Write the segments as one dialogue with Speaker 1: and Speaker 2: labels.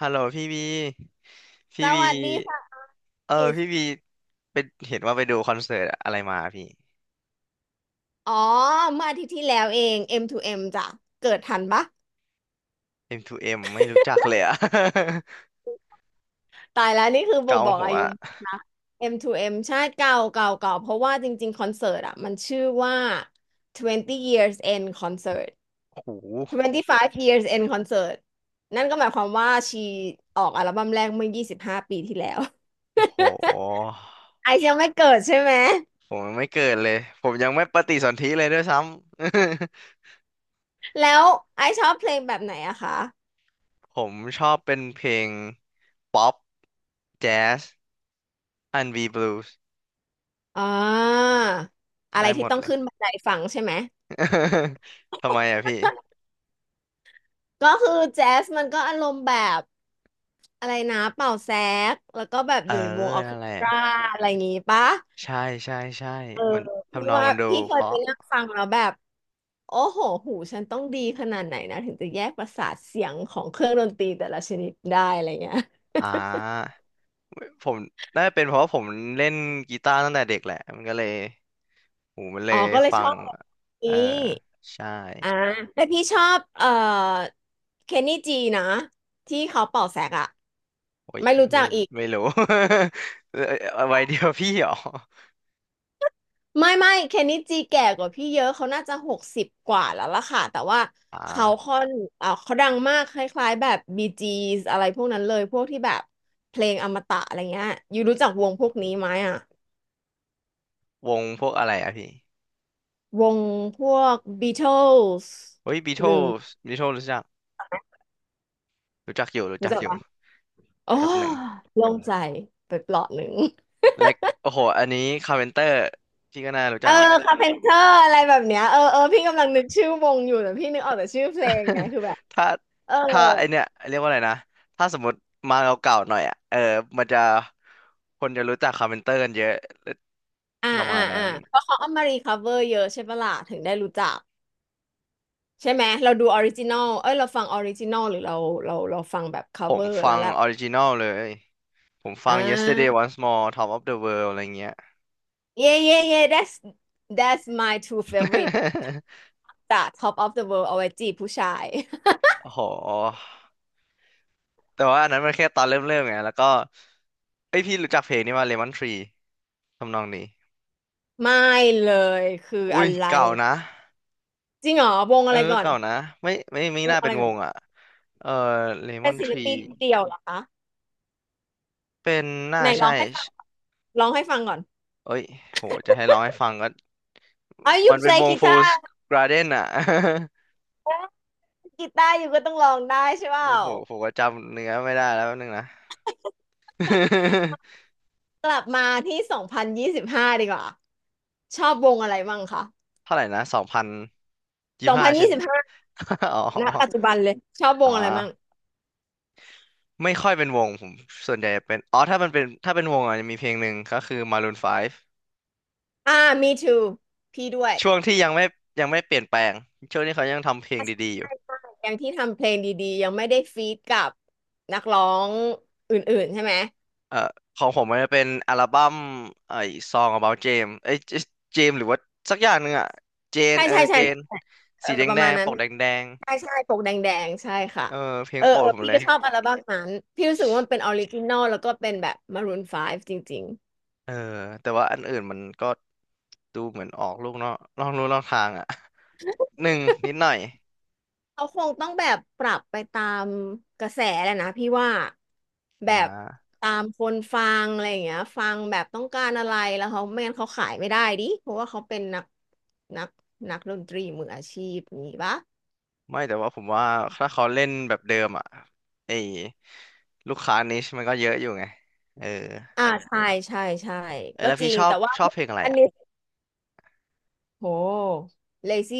Speaker 1: ฮัลโหลพี่บี
Speaker 2: ส
Speaker 1: พี่บี
Speaker 2: วัสดีค่ะ
Speaker 1: เออ
Speaker 2: มิส
Speaker 1: พี่บีเห็นว่าไปดูคอนเสิร์ตอะไรมาพี่
Speaker 2: อ๋อเมื่ออาทิตย์ที่แล้วเอง M to M จ้ะเกิดทันปะ
Speaker 1: M2M ไม่รู้จักเลยอะ
Speaker 2: ตายแล้วนี่คือ บ่ง
Speaker 1: เกา
Speaker 2: บอก
Speaker 1: หั
Speaker 2: อา
Speaker 1: ว
Speaker 2: ยุมาก M to M ใช่เก่า เพราะว่าจริงๆคอนเสิร์ตอ่ะมันชื่อว่า20 years end concert
Speaker 1: โอ้โห
Speaker 2: 25 years end concert นั่นก็หมายความว่าชีออกอัลบั้มแรกเมื่อย25ปีที่แล้ว
Speaker 1: โอ้โห
Speaker 2: ไอซ์ยังไม่เกิดใช่ไหม
Speaker 1: ผมยังไม่เกิดเลยผมยังไม่ปฏิสนธิเลยด้วยซ้ำ
Speaker 2: แล้วไอซ์ชอบเพลงแบบไหนอะคะ
Speaker 1: ผมชอบเป็นเพลงป๊อปแจ๊สอันบีบลูส์
Speaker 2: อ่าอะไร
Speaker 1: ได้หม
Speaker 2: ที่
Speaker 1: ด
Speaker 2: ต้อง
Speaker 1: เลย
Speaker 2: ขึ้นบันไดฟังใช่ไหม
Speaker 1: ทำไมอะพี่
Speaker 2: ก็คือแจ๊สมันก็อารมณ์แบบ อะไรนะเป่าแซกแล้วก็แบบ
Speaker 1: เอ
Speaker 2: อ
Speaker 1: อ
Speaker 2: ยู่ในวงออร์เค
Speaker 1: นั่น
Speaker 2: ส
Speaker 1: แหละ
Speaker 2: ตราอะไรอย่างงี้ปะ
Speaker 1: ใช่ใช่ใช่
Speaker 2: เออ
Speaker 1: มัน
Speaker 2: พี่
Speaker 1: ทำนอง
Speaker 2: ว่า
Speaker 1: มันดู
Speaker 2: พี่เค
Speaker 1: เพ
Speaker 2: ยไป
Speaker 1: ราะ
Speaker 2: นั่งฟังแล้วแบบโอ้โหหูฉันต้องดีขนาดไหนนะถึงจะแยกประสาทเสียงของเครื่องดนตรีแต่ละชนิดได้อะไรเงี้ย
Speaker 1: อ่า ผมน่าจะเป็นเพราะว่าผมเล่นกีตาร์ตั้งแต่เด็กแหละมันก็เลยหูมันเล
Speaker 2: อ๋อ
Speaker 1: ย
Speaker 2: ก็เลย
Speaker 1: ฟั
Speaker 2: ชอ
Speaker 1: ง
Speaker 2: บแบบ
Speaker 1: เอ
Speaker 2: นี้
Speaker 1: อใช่
Speaker 2: อ่าแต่พี่ชอบเคนนี่จีนะที่เขาเป่าแซกอะ
Speaker 1: โอ้ย
Speaker 2: ไม่รู้จั
Speaker 1: ไม่
Speaker 2: กอีก
Speaker 1: ไม่รู้ เออไว้เดียวพี่เหรอ
Speaker 2: ไม่เคนนิจิแก่กว่าพี่เยอะเขาน่าจะหกสิบกว่าแล้วล่ะค่ะแต่ว่า
Speaker 1: อ่
Speaker 2: เขา
Speaker 1: า
Speaker 2: ค่อนอ่าเขาดังมากคล้ายๆแบบบีจี 's อะไรพวกนั้นเลยพวกที่แบบเพลงอมตะอะไรเงี้ยยูรู้จักวงพวกนี้ไหมอ่ะ
Speaker 1: วงพวกอะไรอะพี่
Speaker 2: วงพวก Beatles
Speaker 1: เฮ้ยบีโท
Speaker 2: หรื
Speaker 1: l
Speaker 2: อ
Speaker 1: บีโท l รู้จักรู้จักอยู่รู้
Speaker 2: รู้
Speaker 1: จัก
Speaker 2: จัก
Speaker 1: อยู่
Speaker 2: ปะโอ้
Speaker 1: แป๊บหนึ่ง
Speaker 2: โล่งใจไปเปลาะหนึ่ง
Speaker 1: และโอ้โหอันนี้คาร์เพนเตอร์พี่ก็น่ารู้
Speaker 2: เอ
Speaker 1: จั
Speaker 2: อ
Speaker 1: กแหละ
Speaker 2: คาเพนเตอร์อะไรแบบเนี้ยเออเออพี่กำลังนึกชื่อวงอยู่แต่พี่นึกออกแต่ชื่อเพลงไงคือแบบ
Speaker 1: ถ้า
Speaker 2: เออ
Speaker 1: ถ้าไอเนี่ยเรียกว่าอะไรนะถ้าสมมติมาเก่าๆหน่อยอ่ะเออมันจะคนจะรู้จักคาร์เพนเตอร์กันเยอะ
Speaker 2: อ่า
Speaker 1: ประมา
Speaker 2: อ่า
Speaker 1: ณ
Speaker 2: อ่า
Speaker 1: นั้น
Speaker 2: เพราะเขาเอามารีคัฟเวอร์เยอะใช่ปะล่ะถึงได้รู้จักใช่ไหมเราดูออริจินอลเอ้ยเราฟังออริจินอลหรือเราเราฟังแบบคั
Speaker 1: ผ
Speaker 2: ฟเว
Speaker 1: ม
Speaker 2: อร์
Speaker 1: ฟั
Speaker 2: แล้ว
Speaker 1: ง
Speaker 2: แหละ
Speaker 1: ออริจิน l ลเลยผมฟั
Speaker 2: อ่
Speaker 1: ง Yesterday
Speaker 2: า
Speaker 1: Once More Top of the World อะไรเงี้ย
Speaker 2: เย่เย่เย่ that's that's my two favorite จาก Top of the World เอาไว้จีบผู้ชาย
Speaker 1: โอ้โหแต่ว่าอันนั้นมันแค่ตอนเริ่มเริ่มไงแล้วก็เอ้ยพี่รู้จักเพลงนี้ว่า Lemon Tree ทำนองนี้
Speaker 2: ไม่เลยคือ
Speaker 1: อุ้
Speaker 2: อะ
Speaker 1: ย
Speaker 2: ไร
Speaker 1: เก่านะ
Speaker 2: จริงเหรอวง
Speaker 1: เอ
Speaker 2: อะ
Speaker 1: อ
Speaker 2: ไรก่อน
Speaker 1: เก่านะไม่
Speaker 2: วง
Speaker 1: น่า
Speaker 2: อะ
Speaker 1: เป็
Speaker 2: ไร
Speaker 1: น
Speaker 2: ก่
Speaker 1: ว
Speaker 2: อน
Speaker 1: งอ่ะเออ
Speaker 2: เป็น
Speaker 1: Lemon
Speaker 2: ศิล
Speaker 1: Tree
Speaker 2: ปินเดี่ยวเหรอคะ
Speaker 1: เป็นน่า
Speaker 2: ไหนร้อ
Speaker 1: ใช่
Speaker 2: งให้ฟังร้องให้ฟังก่อน
Speaker 1: เอ้ยโหจะให้ร้องให้ฟังก็
Speaker 2: อ๋อ you
Speaker 1: มันเป็น
Speaker 2: play
Speaker 1: วง Fools
Speaker 2: guitar
Speaker 1: Garden อ่ะ
Speaker 2: กีตาร์อยู่ก็ต้องร้องได้ใช่เป
Speaker 1: โอ้
Speaker 2: ล่า
Speaker 1: โหผมก็จำเนื้อไม่ได้แล้วแป๊บนึงนะ
Speaker 2: กลับมาที่สองพันยี่สิบห้าดีกว่า ชอบวงอะไรบ้างคะ
Speaker 1: เท่าไหร่นะสองพันยี่
Speaker 2: สอง
Speaker 1: ห้า
Speaker 2: พัน
Speaker 1: ใช่
Speaker 2: ยี่
Speaker 1: ไหม
Speaker 2: สิบห้า
Speaker 1: อ๋อ
Speaker 2: ณปัจจุบันเลย ชอบว
Speaker 1: อ่
Speaker 2: งอะไรบ้าง
Speaker 1: าไม่ค่อยเป็นวงผม ส่วนใหญ่เป็น อ๋อถ้ามันเป็นถ้าเป็นวงอ่ะจะมีเพลงหนึ่งก็คือ Maroon 5
Speaker 2: อ่า me too พี่ด้วย
Speaker 1: ช่วงที่ยังไม่เปลี่ยนแปลงช่วงที่เขายังทำเพลง
Speaker 2: ใช่ใช่
Speaker 1: ดีๆอยู่
Speaker 2: ใช่ยังที่ทำเพลงดีๆ ยังไม่ได้ฟีดกับนักร้องอื่นๆใช่ไหม
Speaker 1: เอ่อของผมมันจะเป็นอัลบั้มไอ้ Song About James เอ้ยเจมหรือว่าสักอย่างหนึ่งอ่ะเจน
Speaker 2: ใช่
Speaker 1: เออ
Speaker 2: ใช่ใช่
Speaker 1: เจน
Speaker 2: เอ
Speaker 1: สี
Speaker 2: อ
Speaker 1: แดง
Speaker 2: ประ
Speaker 1: แด
Speaker 2: มาณ
Speaker 1: ง
Speaker 2: นั้
Speaker 1: ป
Speaker 2: น
Speaker 1: กแดงๆ
Speaker 2: ใช่ใช่ปกแดงๆใช่ค่ะ
Speaker 1: เออเพลง
Speaker 2: เออ
Speaker 1: โปร
Speaker 2: เอ
Speaker 1: ด
Speaker 2: อ
Speaker 1: ผม
Speaker 2: พี่
Speaker 1: เล
Speaker 2: ก็
Speaker 1: ย
Speaker 2: ชอบอัลบั้มนั้นพี่รู้สึกว่ามันเป็นออริจินอลแล้วก็เป็นแบบมารูน5จริง
Speaker 1: เออแต่ว่าอันอื่นมันก็ดูเหมือนออกลูกนอกลู่นอกทางอ่ะ หนึ่งนิดหน่อย
Speaker 2: เขาคงต้องแบบปรับไปตามกระแสแหละนะพี่ว่าแบ
Speaker 1: อ่
Speaker 2: บ
Speaker 1: า
Speaker 2: ตามคนฟังอะไรอย่างเงี้ยฟังแบบต้องการอะไรแล้วเขาไม่งั้นเขาขายไม่ได้ดิเพราะว่าเขาเป็นนักนักดนตรีมืออาชีพอย่างงี้ปะ
Speaker 1: ไม่แต่ว่าผมว่าถ้าเขาเล่นแบบเดิมอ่ะไอ้ลูกค้านิชมันก็เยอะอยู่ไงเออ
Speaker 2: อ่าใช่ใช่ใช่
Speaker 1: เอย
Speaker 2: ก็
Speaker 1: แล้ว
Speaker 2: จ
Speaker 1: พี่
Speaker 2: ริง
Speaker 1: ชอบ
Speaker 2: แต่ว่า
Speaker 1: ชอบเพลงอะไร
Speaker 2: อัน
Speaker 1: อ่ะ
Speaker 2: นี้โห l a z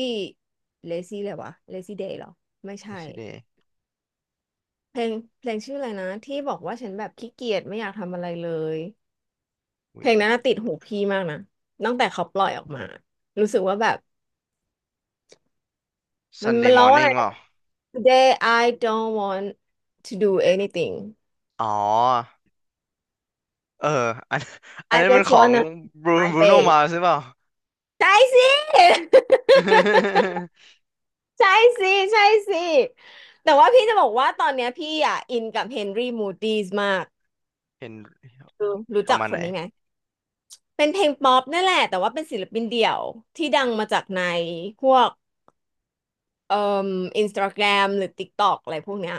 Speaker 2: เ l ซี่เลยวะเลซี่เ day เหรอไม่ใช่
Speaker 1: Yesterday
Speaker 2: เพลงเพลงชื่ออะไรนะที่บอกว่าฉันแบบขี้เกียจไม่อยากทำอะไรเลย เพ
Speaker 1: อุ้ย
Speaker 2: ลงนั้นน่ะติดหูพี่มากนะตั้งแต่เขาปล่อยออกมารู้สึกว่าแบบมั
Speaker 1: Sunday
Speaker 2: นร้องว่าอะไร
Speaker 1: Morning เป
Speaker 2: นะ
Speaker 1: ล่า
Speaker 2: Today I don't want to do anything
Speaker 1: อ๋อเอออันอัน
Speaker 2: I
Speaker 1: นั้นมัน
Speaker 2: just
Speaker 1: ของ
Speaker 2: wanna
Speaker 1: บรูบ
Speaker 2: my
Speaker 1: รูโน
Speaker 2: bed
Speaker 1: มาใช่เปล่า
Speaker 2: ใช่สิ ใช่สิใช่สิแต่ว่าพี่จะบอกว่าตอนเนี้ยพี่อ่ะอินกับเฮนรี่มูด i ีสมาก
Speaker 1: เห็น
Speaker 2: คือรู้
Speaker 1: ประ
Speaker 2: จัก
Speaker 1: มาณ
Speaker 2: ค
Speaker 1: ไหน
Speaker 2: นนี้ไหมเป็นเพลงป๊อปนั่นแหละแต่ว่าเป็นศิลปินเดี่ยวที่ดังมาจากในพวก เอ่ออินสตาแกรมหรือ TikTok อะไรพวกเนี้ย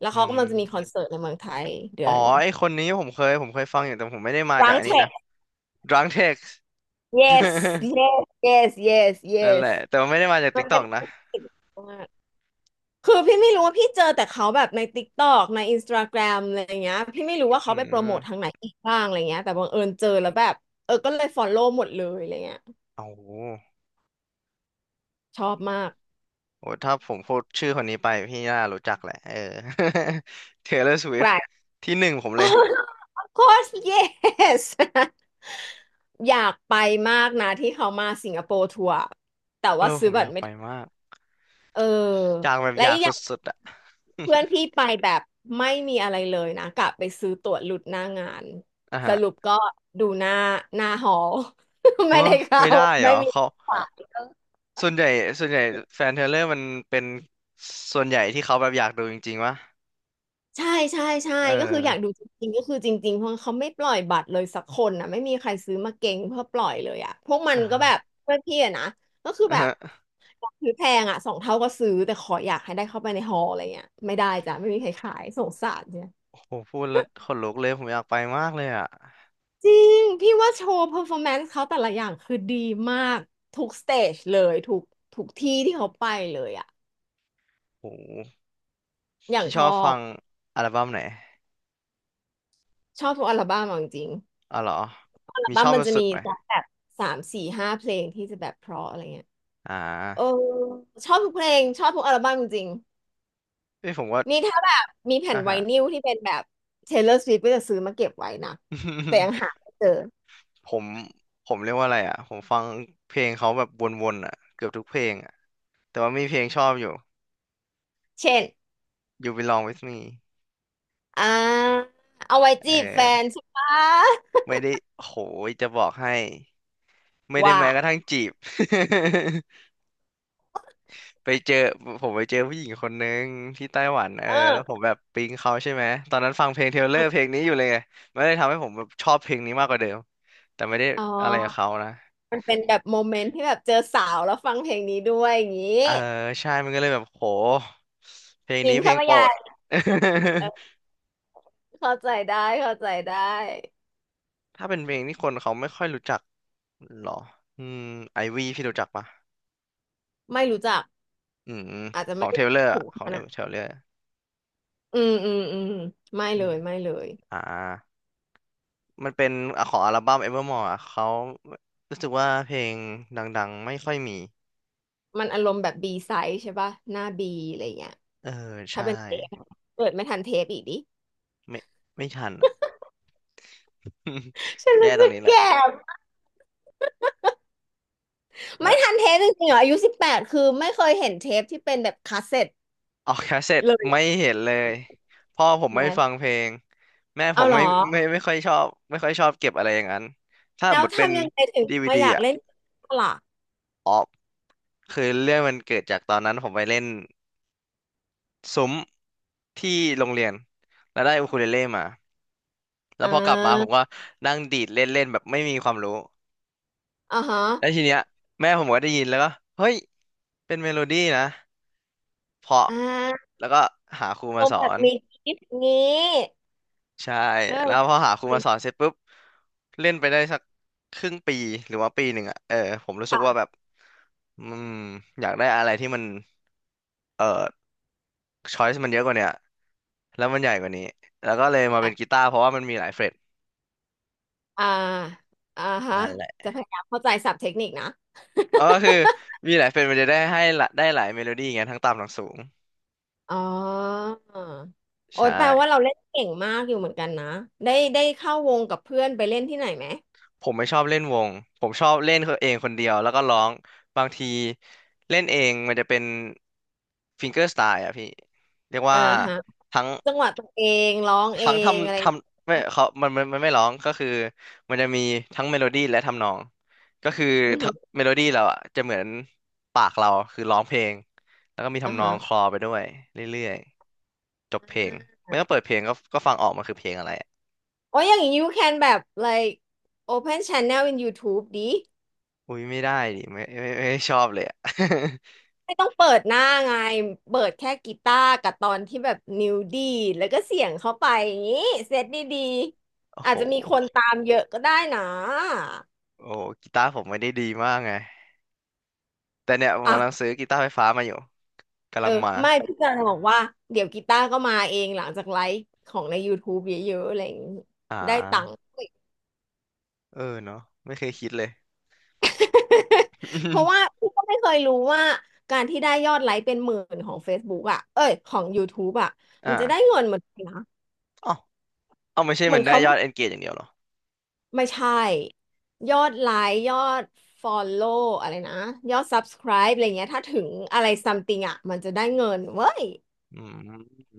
Speaker 2: แล้ว
Speaker 1: อื
Speaker 2: เขากำลังจะมีคอน
Speaker 1: ม
Speaker 2: เสิร์ตในเมืองไทยเดื
Speaker 1: อ๋อ
Speaker 2: อน
Speaker 1: ไอคนนี้ผมเคยฟังอยู่แต่ผมไม่ได้มา
Speaker 2: รั
Speaker 1: จาก
Speaker 2: ง
Speaker 1: อัน
Speaker 2: เท
Speaker 1: นี้
Speaker 2: ค
Speaker 1: นะ Drunk Text
Speaker 2: yes
Speaker 1: นั่นแห
Speaker 2: yes
Speaker 1: ละแต่ว่าไม่ได้มาจาก
Speaker 2: มันเป็น
Speaker 1: TikTok
Speaker 2: ค
Speaker 1: นะ
Speaker 2: อนเสิร์ตมากคือพี่ไม่รู้ว่าพี่เจอแต่เขาแบบใน TikTok ใน Instagram อะไรอย่างเงี้ยพี่ไม่รู้ว่าเขา
Speaker 1: อื
Speaker 2: ไปโปรโม
Speaker 1: ม
Speaker 2: ททางไหนอีกบ้างอะไรเงี้ยแต่บังเอิญเจอแล้วแบบเออก็เลยฟอลโล่หมดเลยอะไรเงี้ย
Speaker 1: โอ้โห
Speaker 2: ชอบมาก
Speaker 1: โอ้ถ้าผมพูดชื่อคนนี้ไปพี่น่ารู้จักแหละเออ Taylor
Speaker 2: ใคร
Speaker 1: Swift ที่หนึ่งผมเลย
Speaker 2: Of course yes อยากไปมากนะที่เขามาสิงคโปร์ทัวร์แต่
Speaker 1: เอ
Speaker 2: ว่า
Speaker 1: อผ
Speaker 2: ซื้อ
Speaker 1: มอ
Speaker 2: บัต
Speaker 1: ยา
Speaker 2: ร
Speaker 1: ก
Speaker 2: ไม่
Speaker 1: ไป
Speaker 2: ทัน
Speaker 1: มาก
Speaker 2: เออ
Speaker 1: อยากแบบ
Speaker 2: และ
Speaker 1: อยาก
Speaker 2: อีก
Speaker 1: ส
Speaker 2: อย่าง
Speaker 1: ุดๆอ่ะ
Speaker 2: เพื่อนพี่ไปแบบไม่มีอะไรเลยนะกะไปซื้อตั๋วหลุดหน้างาน
Speaker 1: อ่ะ
Speaker 2: ส
Speaker 1: ฮะ
Speaker 2: รุปก็ดูหน้าหอ
Speaker 1: เออ
Speaker 2: ไม่ได้เข้า
Speaker 1: ไม่ได้เหร
Speaker 2: ไม่
Speaker 1: อ
Speaker 2: มี
Speaker 1: เขา
Speaker 2: บัตร
Speaker 1: ส่วนใหญ่ส่วนใหญ่แฟนเทเลอร์มันเป็นส่วนใหญ่ที่เขาแบบอยากดูจริงๆวะ
Speaker 2: ใช่ใช่ใช่
Speaker 1: เออ
Speaker 2: ก็คืออยากดูจริงๆก็คือจริงๆเพราะเขาไม่ปล่อยบัตรเลยสักคนนะไม่มีใครซื้อมาเก็งเพื่อปล่อยเลยอ่ะพวกมั
Speaker 1: เอ
Speaker 2: นก็แบบ
Speaker 1: อ
Speaker 2: เพื่อนพี่อะนะก็คือ
Speaker 1: อ่ะ
Speaker 2: แบบ
Speaker 1: ฮะ
Speaker 2: อยากซื้อแพงอ่ะสองเท่าก็ซื้อแต่ขออยากให้ได้เข้าไปในฮอลล์อะไรเงี้ยไม่ได้จ้ะไม่มีใครขายสงสารเนี่ย
Speaker 1: โอ้โหพูดแล้วขนลุกเลยผมอยากไปมากเลยอ่ะ
Speaker 2: จริงพี่ว่าโชว์เ e อร์ฟอร์แมนซ์เขาแต่ละอย่างคือดีมากทุกสเตจเลยทุกที่ที่เขาไปเลยอ่ะ
Speaker 1: โอ้โห
Speaker 2: อย่าง
Speaker 1: พี่ช
Speaker 2: ช
Speaker 1: อ
Speaker 2: อ
Speaker 1: บฟั
Speaker 2: บ
Speaker 1: งอัลบั้มไหน
Speaker 2: ชอบทุกอัลบั้มอะจริง
Speaker 1: อ๋อเหรอ
Speaker 2: ๆอัล
Speaker 1: มี
Speaker 2: บั้
Speaker 1: ช
Speaker 2: ม
Speaker 1: อบ
Speaker 2: มันจะ
Speaker 1: สุ
Speaker 2: มี
Speaker 1: ดๆไหม
Speaker 2: แบบสามสี่ห้าเพลงที่จะแบบเพราะอะไรเงี้ย
Speaker 1: อ่
Speaker 2: เออ
Speaker 1: า
Speaker 2: ชอบทุกเพลงชอบทุกอัลบั้มจริง
Speaker 1: เอ้ยผมว่า
Speaker 2: ๆนี่ถ้าแบบมีแผ่
Speaker 1: อ่ะ
Speaker 2: นไว
Speaker 1: ฮะ
Speaker 2: นิลที่เป็นแบบ Taylor Swift ก็จะซื้อมาเก็บไว้นะแต่ยัง หาไม่เจอ
Speaker 1: ผมผมเรียกว่าอะไรอ่ะผมฟังเพลงเขาแบบวนๆอ่ะเกือบทุกเพลงอ่ะแต่ว่ามีเพลงชอบอยู่
Speaker 2: เช่น
Speaker 1: You Belong With Me
Speaker 2: อ่าเอาไว้
Speaker 1: เออ
Speaker 2: จีบแฟนใช่ปะ
Speaker 1: ไม่ได้โหยจะบอกให้ไม่ได้
Speaker 2: ว่า
Speaker 1: แม้กระทั่งจีบ ไปเจอผมไปเจอผู้หญิงคนนึงที่ไต้หวันเออ
Speaker 2: เออ
Speaker 1: แล้วผมแบบปิ๊งเขาใช่ไหมตอนนั้นฟังเพลงเทเลอร์เพลงนี้อยู่เลยไงมันเลยทำให้ผมแบบชอบเพลงนี้มากกว่าเดิมแต่ไม่ได้
Speaker 2: อ๋
Speaker 1: อะไรกับ
Speaker 2: อ
Speaker 1: เขานะ
Speaker 2: มันเป็นแบบโมเมนต์ที่แบบเจอสาวแล้วฟังเพลงนี้ด้วยอย่างนี้
Speaker 1: เออใช่มันก็เลยแบบโหเพลง
Speaker 2: อิน
Speaker 1: นี้เพล
Speaker 2: เข้า
Speaker 1: ง
Speaker 2: ไป
Speaker 1: โปร
Speaker 2: ใหญ่
Speaker 1: ด
Speaker 2: เออเข้าใจได้เข้าใจได้
Speaker 1: ถ้าเป็นเพลงที่คนเขาไม่ค่อยรู้จักหรออืมไอวีพี่รู้จักปะ
Speaker 2: ไม่รู้จัก
Speaker 1: อืม
Speaker 2: อาจจะ
Speaker 1: ขอ
Speaker 2: ไม่
Speaker 1: ง
Speaker 2: ได้
Speaker 1: เทเลอร์
Speaker 2: ถูก
Speaker 1: ของ
Speaker 2: ข
Speaker 1: เท
Speaker 2: นา
Speaker 1: เ
Speaker 2: ด
Speaker 1: ลอร์
Speaker 2: อืมอืมอืมไม่
Speaker 1: อื
Speaker 2: เล
Speaker 1: ม
Speaker 2: ยไม่เลย
Speaker 1: อ่า มันเป็นอ่ะของอัลบั้ม Evermore อ่ะเขารู้สึกว่าเพลงดังๆไม่ค่อยมี
Speaker 2: มันอารมณ์แบบบีไซส์ใช่ป่ะหน้าบีอะไรเงี้ย
Speaker 1: เออ
Speaker 2: ถ้า
Speaker 1: ใช่
Speaker 2: เป็นเทปเกิดไม่ทันเทปอีกดิ
Speaker 1: ไม่ไม่ทันอ่ะ
Speaker 2: ฉัน
Speaker 1: แย่
Speaker 2: รู้
Speaker 1: ตรง
Speaker 2: สึก
Speaker 1: นี้แหล
Speaker 2: แก่
Speaker 1: ะ
Speaker 2: ไม่
Speaker 1: แล้ว
Speaker 2: ทันเทปจริงๆเหรออายุสิบแปดคือไม่เคยเห็นเทปที่เป็นแบบคาสเซ็ต
Speaker 1: ออกแคสเซ็ต
Speaker 2: เลย
Speaker 1: ไม่
Speaker 2: อะ
Speaker 1: เห็นเลยพ่อผมไม่
Speaker 2: แม่
Speaker 1: ฟังเพลงแม่ผ
Speaker 2: เอา
Speaker 1: ม
Speaker 2: เหร
Speaker 1: ไม่
Speaker 2: อ
Speaker 1: ไม่ค่อยชอบไม่ค่อยชอบเก็บอะไรอย่างนั้น ถ้า
Speaker 2: แล้
Speaker 1: ห
Speaker 2: ว
Speaker 1: มดเป็น
Speaker 2: ทำยังไงถึง
Speaker 1: ดีวี
Speaker 2: มา
Speaker 1: ดี
Speaker 2: อยาก
Speaker 1: อ่ะ
Speaker 2: เล่นกีตาร์ล่ะ
Speaker 1: อ๋อ คือเรื่องมันเกิดจากตอนนั้นผมไปเล่นซุ้มที่โรงเรียนแล้วได้อูคูเลเล่มาแล้
Speaker 2: อ่
Speaker 1: วพอกลับมาผม
Speaker 2: า
Speaker 1: ก็นั่งดีดเล่นเล่นแบบไม่มีความรู้
Speaker 2: อ่าฮะ
Speaker 1: แล้วทีเนี้ยแม่ผมก็ได้ยินแล้วก็เฮ้ยเป็นเมโลดี้นะเพราะ
Speaker 2: อ่า
Speaker 1: แล้วก็หาครู
Speaker 2: โม
Speaker 1: มาส
Speaker 2: แบ
Speaker 1: อ
Speaker 2: บ
Speaker 1: น
Speaker 2: มีกิฟต์นี้
Speaker 1: ใช่
Speaker 2: ก็
Speaker 1: แล้วพอหาครู
Speaker 2: จริ
Speaker 1: มา
Speaker 2: ง
Speaker 1: สอนเสร็จปุ๊บเล่นไปได้สักครึ่งปีหรือว่าปีหนึ่งอ่ะเออผมรู้สึกว่า
Speaker 2: ค่ะ
Speaker 1: แบบอืมอยากได้อะไรที่มันเออ ช้อยส์มันเยอะกว่าเนี่ยแล้วมันใหญ่กว่านี้แล้วก็เลยมา
Speaker 2: อ
Speaker 1: เป็นกีตาร์เพราะว่ามันมีหลายเฟรต
Speaker 2: ่าอ่าฮะ
Speaker 1: นั่นแหละ
Speaker 2: จะพยายามเข้าใจศัพท์เทคนิคนะ
Speaker 1: เออคือมีหลายเฟรตมันจะได้ให้ละได้หลายเมโลดี้ไงทั้งต่ำทั้งสูง
Speaker 2: อ๋อ
Speaker 1: ใ
Speaker 2: โอ๊ยแปลว่า
Speaker 1: ช่
Speaker 2: เราเล่นเก่งมากอยู่เหมือนกันนะได้ได้เข้าวงกับเพื่อนไปเล่นที่ไหนไหม
Speaker 1: ผมไม่ชอบเล่นวงผมชอบเล่นเองคนเดียวแล้วก็ร้องบางทีเล่นเองมันจะเป็นฟิงเกอร์สไตล์อะพี่เรียก
Speaker 2: อ่า
Speaker 1: ว่า
Speaker 2: ฮะ
Speaker 1: ทั้ง
Speaker 2: จังหวะตัวเองร้องเอ
Speaker 1: ทั้ง
Speaker 2: งอะไร
Speaker 1: ทำท
Speaker 2: อย่างเงี้
Speaker 1: ำไม่
Speaker 2: ย
Speaker 1: เขามันไม่ร้องก็คือมันจะมีทั้งเมโลดี้และทำนองก็คือ
Speaker 2: อือ
Speaker 1: ทะ
Speaker 2: ฮึ
Speaker 1: เมโลดี้เราอ่ะจะเหมือนปากเราคือร้องเพลงแล้วก็มี
Speaker 2: อ่า
Speaker 1: ทำนอ
Speaker 2: ฮะ
Speaker 1: งคลอไปด้วยเรื่อยๆจบเพล
Speaker 2: อ่า
Speaker 1: งไม่ต้องเปิดเพลงก็ฟังออกมันคือเพลงอะไรอะ
Speaker 2: โอ้ยอย่างนี้ you can แบบ like open channel in YouTube ดิ
Speaker 1: อุ้ยไม่ได้ดิไม่ชอบเลยอ่ะ
Speaker 2: ไม่ต้องเปิดหน้าไงเปิดแค่กีตาร์กับตอนที่แบบนิ้วดีดแล้วก็เสียงเข้าไปอย่างนี้เซตดี
Speaker 1: โอ้
Speaker 2: ๆอา
Speaker 1: โห
Speaker 2: จจะมีคนตามเยอะก็ได้นะ
Speaker 1: โอ้โหกีตาร์ผมไม่ได้ดีมากไงแต่เนี่ยผมกำลัง
Speaker 2: อ่ะ
Speaker 1: ซื้อกีตาร์ไฟฟ้ามาอยู่กำ
Speaker 2: เอ
Speaker 1: ลั
Speaker 2: อ
Speaker 1: งมา
Speaker 2: ไม่พี่จะบอกว่าเดี๋ยวกีตาร์ก็มาเองหลังจากไลฟ์ของใน YouTube เยอะๆอะไรอย่างนี้
Speaker 1: อ่
Speaker 2: ได้ตังค์
Speaker 1: าเออเนาะไม่เคยคิดเลย
Speaker 2: เพราะว่าพี่ก็ไม่เคยรู้ว่าการที่ได้ยอดไลค์เป็นหมื่นของ Facebook อ่ะเอ้ยของ YouTube อ่ะ
Speaker 1: อ
Speaker 2: มันจะได้
Speaker 1: ่
Speaker 2: เงินเหมือนกันนะ
Speaker 1: า เอาไม่ใช่
Speaker 2: เหมื
Speaker 1: มั
Speaker 2: อน
Speaker 1: นได้
Speaker 2: เขา
Speaker 1: ยอดเอนเกจอย่างเดียวเหรอ
Speaker 2: ไม่ใช่ยอดไลค์ยอด Follow อลโลว์อะไรนะยอด Subscribe อะไรเงี้ยถ้าถึงอะไร something อ่ะมันจะได้เงินเว้ย
Speaker 1: อืม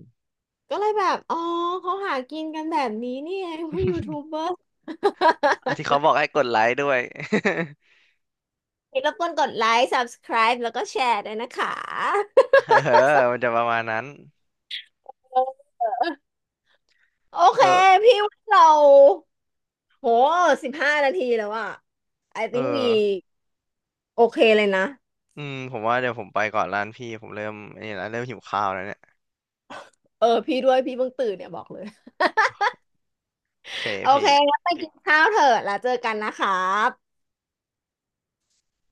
Speaker 2: ก็เลยแบบอ๋อเขาหากินกันแบบนี้นี่เองพวกยูทูบเบอ ร์
Speaker 1: อ่ะที่เขาบอกให้กดไลค์ด้วย
Speaker 2: อย่ารบกวนกดไลค์ subscribe แล้วก็แชร์ด้วยนะคะ
Speaker 1: เออมันจะประมาณนั้น
Speaker 2: เออโอเค
Speaker 1: เออ
Speaker 2: พี่ว่าเราโห15นาทีแล้วอะ I
Speaker 1: เออ
Speaker 2: think we โอเคเลยนะ
Speaker 1: อืมผมว่าเดี๋ยวผมไปก่อนร้านพี่ ผมเริ่มไอันนี้แล้วเริ่มหิวข้าวแล้วเนี่ย
Speaker 2: เออพี่ด้วยพี่เพิ่งตื่นเนี่ยบอกเลย
Speaker 1: โอเค
Speaker 2: โอเค
Speaker 1: พี่
Speaker 2: งั้นไปกินข้าวเถอะแล้วเจอกันนะครับ